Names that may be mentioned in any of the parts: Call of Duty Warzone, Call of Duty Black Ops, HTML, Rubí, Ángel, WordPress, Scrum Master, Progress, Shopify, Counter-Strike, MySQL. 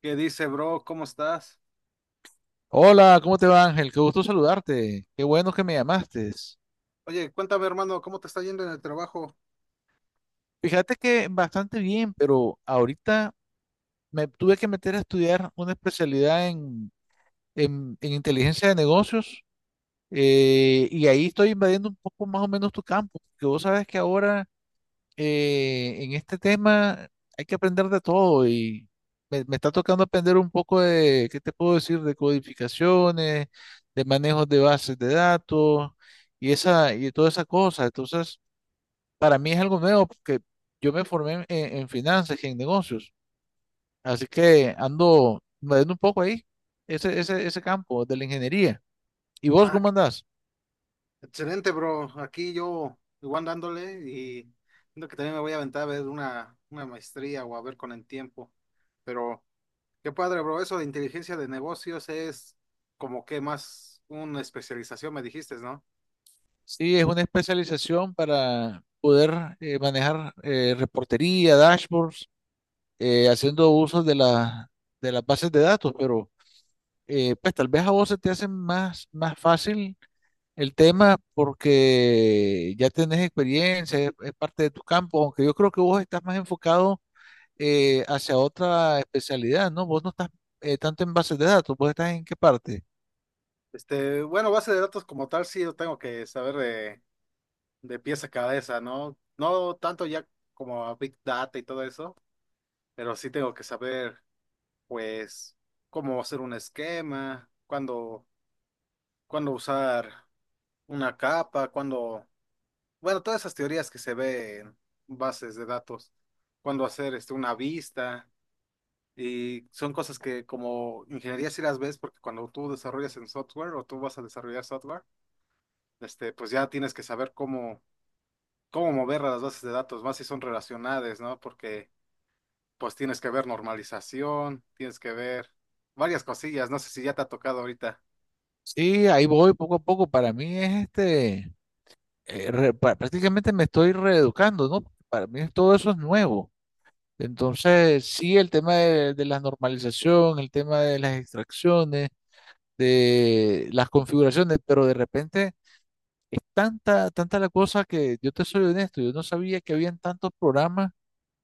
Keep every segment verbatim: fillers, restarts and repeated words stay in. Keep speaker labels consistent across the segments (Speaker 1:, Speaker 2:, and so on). Speaker 1: ¿Qué dice, bro? ¿Cómo estás?
Speaker 2: Hola, ¿cómo te va, Ángel? Qué gusto saludarte. Qué bueno que me llamaste.
Speaker 1: Oye, cuéntame, hermano, ¿cómo te está yendo en el trabajo?
Speaker 2: Fíjate que bastante bien, pero ahorita me tuve que meter a estudiar una especialidad en, en- en inteligencia de negocios, eh, y ahí estoy invadiendo un poco más o menos tu campo, porque vos sabes que ahora... eh, en este tema hay que aprender de todo, y me, me está tocando aprender un poco de, ¿qué te puedo decir? De codificaciones, de manejos de bases de datos, y esa y toda esa cosa. Entonces, para mí es algo nuevo porque yo me formé en, en finanzas y en negocios, así que ando moviendo un poco ahí, ese, ese, ese campo de la ingeniería. ¿Y vos
Speaker 1: Ah,
Speaker 2: cómo
Speaker 1: qué-
Speaker 2: andás?
Speaker 1: Excelente, bro. Aquí yo igual dándole y siento que también me voy a aventar a ver una, una maestría o a ver con el tiempo. Pero qué padre, bro. Eso de inteligencia de negocios es como que más una especialización, me dijiste, ¿no?
Speaker 2: Sí, es una especialización para poder eh, manejar eh, reportería, dashboards, eh, haciendo uso de la, de las bases de datos, pero eh, pues tal vez a vos se te hace más, más fácil el tema porque ya tenés experiencia, es, es parte de tu campo, aunque yo creo que vos estás más enfocado eh, hacia otra especialidad, ¿no? Vos no estás eh, tanto en bases de datos, vos estás en qué parte.
Speaker 1: Este, bueno, base de datos como tal, sí, yo tengo que saber de, de pies a cabeza, ¿no? No tanto ya como a Big Data y todo eso, pero sí tengo que saber. Pues cómo hacer un esquema, cuándo, cuándo usar una capa, cuándo, bueno, todas esas teorías que se ve en bases de datos, cuándo hacer este, una vista, y son cosas que como ingeniería sí las ves, porque cuando tú desarrollas en software o tú vas a desarrollar software, este, pues ya tienes que saber cómo, cómo mover a las bases de datos, más si son relacionadas, ¿no? Porque pues tienes que ver normalización, tienes que ver varias cosillas, no sé si ya te ha tocado ahorita.
Speaker 2: Sí, ahí voy poco a poco. Para mí es este, eh, re- pa- prácticamente me estoy reeducando, ¿no? Para mí todo eso es nuevo. Entonces, sí, el tema de, de la normalización, el tema de las extracciones, de las configuraciones, pero de repente tanta, tanta la cosa, que yo te soy honesto, yo no sabía que habían tantos programas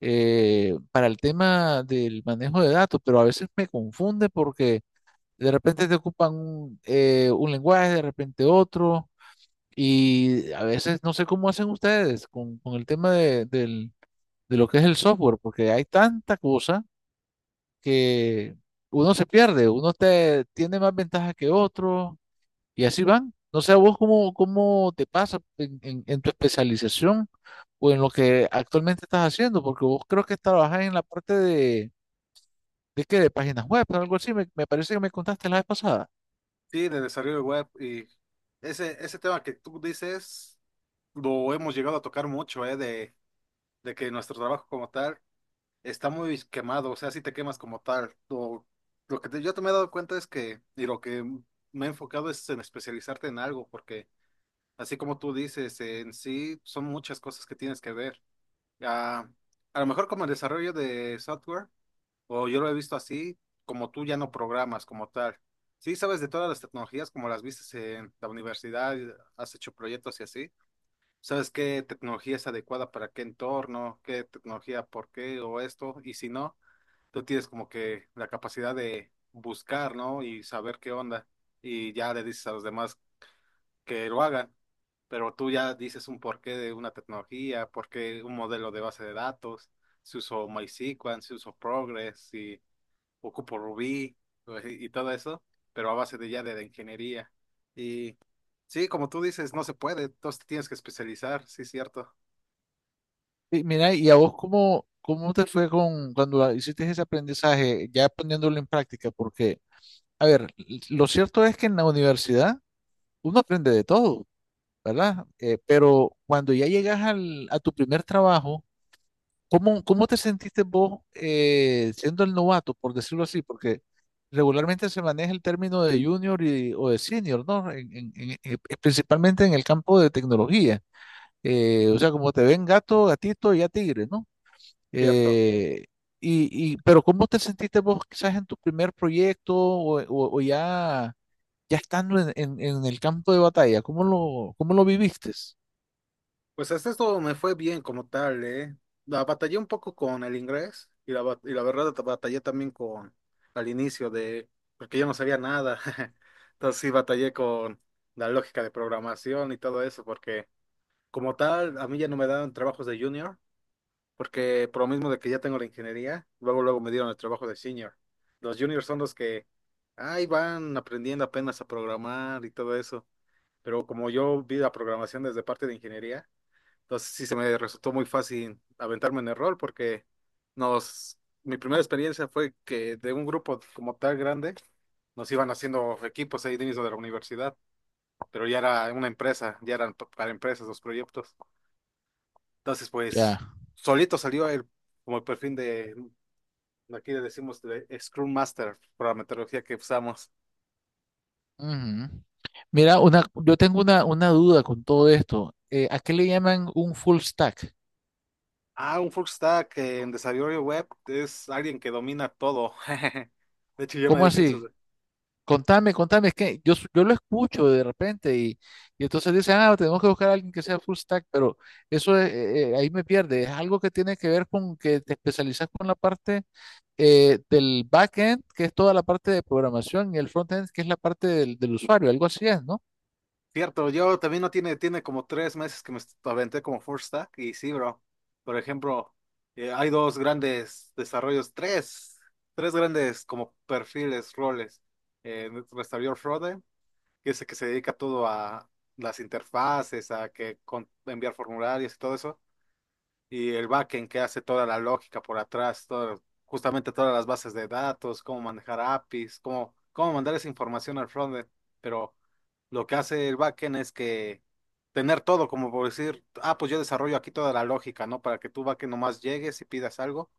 Speaker 2: eh, para el tema del manejo de datos, pero a veces me confunde porque de repente te ocupan un, eh, un lenguaje, de repente otro, y a veces no sé cómo hacen ustedes con, con el tema de, del- de lo que es el software, porque hay tanta cosa que uno se pierde, uno te, tiene más ventajas que otro y así van. No sé a vos cómo, cómo te pasa en, en- en tu especialización o en lo que actualmente estás haciendo, porque vos creo que trabajás en la parte de, ¿de qué? De páginas web, algo así, me, me parece que me contaste la vez pasada.
Speaker 1: Sí, de desarrollo web y ese, ese tema que tú dices lo hemos llegado a tocar mucho, ¿eh? De, de que nuestro trabajo como tal está muy quemado, o sea, si te quemas como tal. Lo, lo que te- yo te me he dado cuenta es que, y lo que me he enfocado es en especializarte en algo, porque así como tú dices, en sí son muchas cosas que tienes que ver. Ah, a lo mejor como el desarrollo de software. O yo lo he visto así, como tú ya no programas como tal. Sí, sabes de todas las tecnologías, como las viste en la universidad, has hecho proyectos y así. ¿Sabes qué tecnología es adecuada para qué entorno, qué tecnología por qué o esto? Y si no, tú tienes como que la capacidad de buscar, ¿no? Y saber qué onda. Y ya le dices a los demás que lo hagan. Pero tú ya dices un porqué de una tecnología, por qué un modelo de base de datos, si uso MySQL, si uso Progress, si ocupo Rubí y todo eso, pero a base de ya de, de ingeniería. Y sí, como tú dices, no se puede, entonces te tienes que especializar, sí, cierto.
Speaker 2: Y mira, ¿y a vos cómo, cómo te fue con cuando hiciste ese aprendizaje, ya poniéndolo en práctica? Porque, a ver, lo cierto es que en la universidad uno aprende de todo, ¿verdad? Eh, pero cuando ya llegas al, a tu primer trabajo, ¿cómo, cómo te sentiste vos, eh, siendo el novato, por decirlo así? Porque regularmente se maneja el término de junior y- o de senior, ¿no? En- en- en- eh, eh, principalmente en el campo de tecnología. Eh, o sea, como te ven gato, gatito y ya tigre, ¿no?
Speaker 1: Cierto.
Speaker 2: Eh, y, y, pero ¿cómo te sentiste vos quizás en tu primer proyecto o, o- o ya, ya estando en, en- en el campo de batalla? ¿Cómo lo, cómo lo viviste?
Speaker 1: Pues hasta esto me fue bien como tal, ¿eh? La batallé un poco con el inglés y la, bat- y la verdad batallé también con al inicio de, porque yo no sabía nada. Entonces sí batallé con la lógica de programación y todo eso, porque como tal, a mí ya no me daban trabajos de junior porque por lo mismo de que ya tengo la ingeniería, luego luego me dieron el trabajo de senior. Los juniors son los que ahí van aprendiendo apenas a programar y todo eso, pero como yo vi la programación desde parte de ingeniería, entonces sí se me resultó muy fácil aventarme en el rol porque nos mi primera experiencia fue que de un grupo como tal grande nos iban haciendo equipos ahí dentro de la universidad, pero ya era una empresa, ya eran pa- para empresas los proyectos. Entonces, pues
Speaker 2: Ya.
Speaker 1: solito salió el como el perfil de aquí le decimos de- Scrum Master por la metodología que usamos.
Speaker 2: Ujú. Mira, una, yo tengo una, una duda con todo esto. Eh, ¿a qué le llaman un full stack?
Speaker 1: Ah, un full stack en desarrollo web es alguien que domina todo. De hecho, yo me
Speaker 2: ¿Cómo
Speaker 1: dedico a eso.
Speaker 2: así? Contame, contame, es que yo, s- yo lo escucho de repente y, y entonces dicen, ah, tenemos que buscar a alguien que sea full stack, pero eso es, eh, eh, ahí me pierde. Es algo que tiene que ver con que te especializas con la parte eh, del backend, que es toda la parte de programación, y el frontend, que es la parte del, del usuario, algo así es, ¿no?
Speaker 1: Cierto, yo también no tiene, tiene como tres meses que me est- aventé como full stack y sí, bro. Por ejemplo, eh, hay dos grandes desarrollos, tres, tres grandes como perfiles, roles. Eh, desarrollador frontend que es el que se dedica todo a las interfaces, a que con- enviar formularios y todo eso. Y el backend que hace toda la lógica por atrás, todo, justamente todas las bases de datos, cómo manejar A P Is, cómo, cómo mandar esa información al frontend. Pero lo que hace el backend es que tener todo, como por decir, ah, pues yo desarrollo aquí toda la lógica, ¿no? Para que tú backend nomás llegues y pidas algo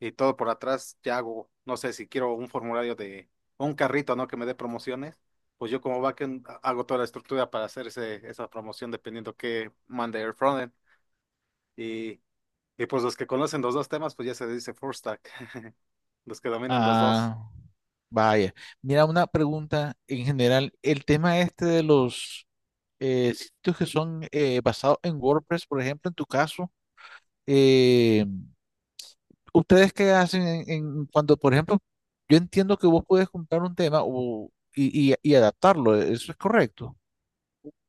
Speaker 1: y todo por atrás ya hago, no sé, si quiero un formulario de o un carrito, ¿no? Que me dé promociones. Pues yo como backend hago toda la estructura para hacer ese- esa promoción dependiendo que mande el frontend. Y y pues los que conocen los dos temas, pues ya se dice full stack, los que dominan los dos.
Speaker 2: Ah. Vaya, mira, una pregunta en general. El tema este de los eh, sitios que son eh, basados en WordPress, por ejemplo, en tu caso, eh, ¿ustedes qué hacen en, en cuando, por ejemplo, yo entiendo que vos puedes comprar un tema o- y, y- y adaptarlo, e, eso es correcto.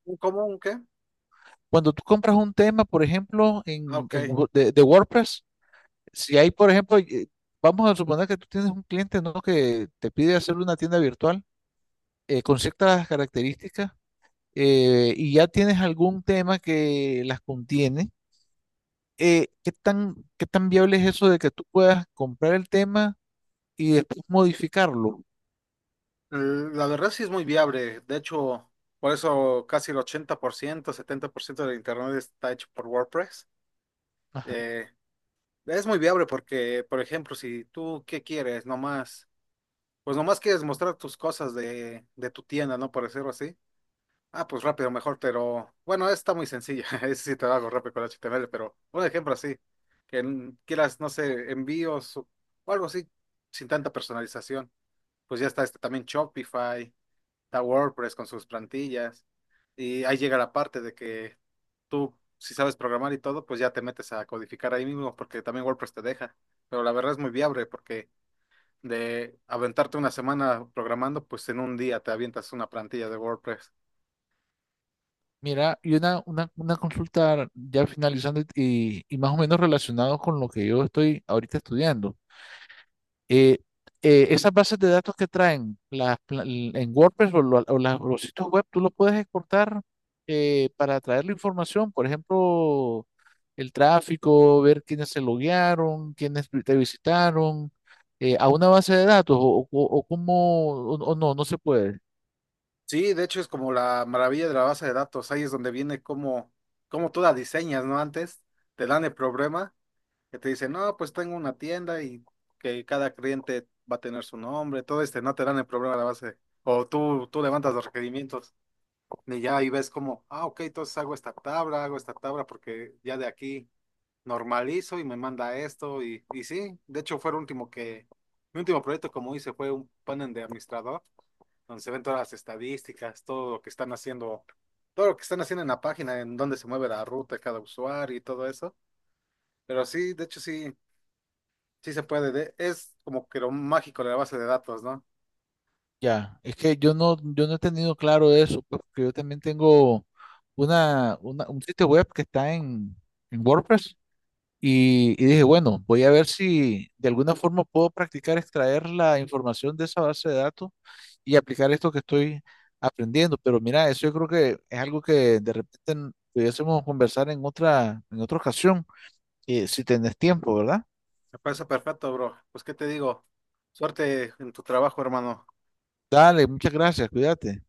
Speaker 1: ¿Un común qué? Ah,
Speaker 2: Cuando tú compras un tema, por ejemplo, en,
Speaker 1: ok.
Speaker 2: en
Speaker 1: Eh,
Speaker 2: Wo- de, de WordPress, si hay, por ejemplo, eh, vamos a suponer que tú tienes un cliente, ¿no? Que te pide hacer una tienda virtual, eh, con ciertas características, eh, y ya tienes algún tema que las contiene, eh, ¿qué tan, qué tan viable es eso de que tú puedas comprar el tema y después modificarlo?
Speaker 1: la verdad sí es muy viable. De hecho, por eso casi el ochenta por ciento setenta por ciento del internet está hecho por WordPress.
Speaker 2: Ajá.
Speaker 1: Eh, es muy viable porque, por ejemplo, si tú, ¿qué quieres? Nomás, pues nomás quieres mostrar tus cosas de, de tu tienda, ¿no? Por decirlo así. Ah, pues rápido, mejor, pero bueno, está muy sencilla. Ese sí te lo hago rápido con H T M L, pero un ejemplo así, que n- quieras, no sé, envíos o o algo así, sin tanta personalización. Pues ya está este también Shopify, está WordPress con sus plantillas. Y ahí llega la parte de que tú, si sabes programar y todo, pues ya te metes a codificar ahí mismo, porque también WordPress te deja. Pero la verdad es muy viable, porque de aventarte una semana programando, pues en un día te avientas una plantilla de WordPress.
Speaker 2: Mira, y una, una, una consulta ya finalizando, y, y más o menos relacionado con lo que yo estoy ahorita estudiando. Eh, eh, Esas bases de datos que traen las pla- en WordPress o, lo- o las- los sitios web, tú los puedes exportar, eh, para traer la información, por ejemplo, el tráfico, ver quiénes se loguearon, quiénes vi- te visitaron, eh, a una base de datos o, o, o cómo, o, o no, no se puede.
Speaker 1: Sí, de hecho es como la maravilla de la base de datos. Ahí es donde viene cómo, cómo tú la diseñas, ¿no? Antes te dan el problema que te dicen, no, pues tengo una tienda y que cada cliente va a tener su nombre, todo este, no te dan el problema de la base. O tú, tú levantas los requerimientos y ya ahí ves como, ah, ok, entonces hago esta tabla, hago esta tabla porque ya de aquí normalizo y me manda esto. Y, y sí, de hecho fue el último que, mi último proyecto como hice fue un panel de administrador donde se ven todas las estadísticas, todo lo que están haciendo, todo lo que están haciendo en la página, en dónde se mueve la ruta de cada usuario y todo eso. Pero sí, de hecho sí, sí se puede. De- es como que lo mágico de la base de datos, ¿no?
Speaker 2: Ya, es que yo no, yo no he tenido claro eso, pues, porque yo también tengo una, una- un sitio web que está en, en WordPress. Y, y dije, bueno, voy a ver si de alguna forma puedo practicar extraer la información de esa base de datos y aplicar esto que estoy aprendiendo. Pero mira, eso yo creo que es algo que de repente n- pudiésemos conversar en otra, en otra ocasión, eh, si tenés tiempo, ¿verdad?
Speaker 1: Me parece perfecto, bro. Pues, ¿qué te digo? Suerte en tu trabajo, hermano.
Speaker 2: Dale, muchas gracias, cuídate.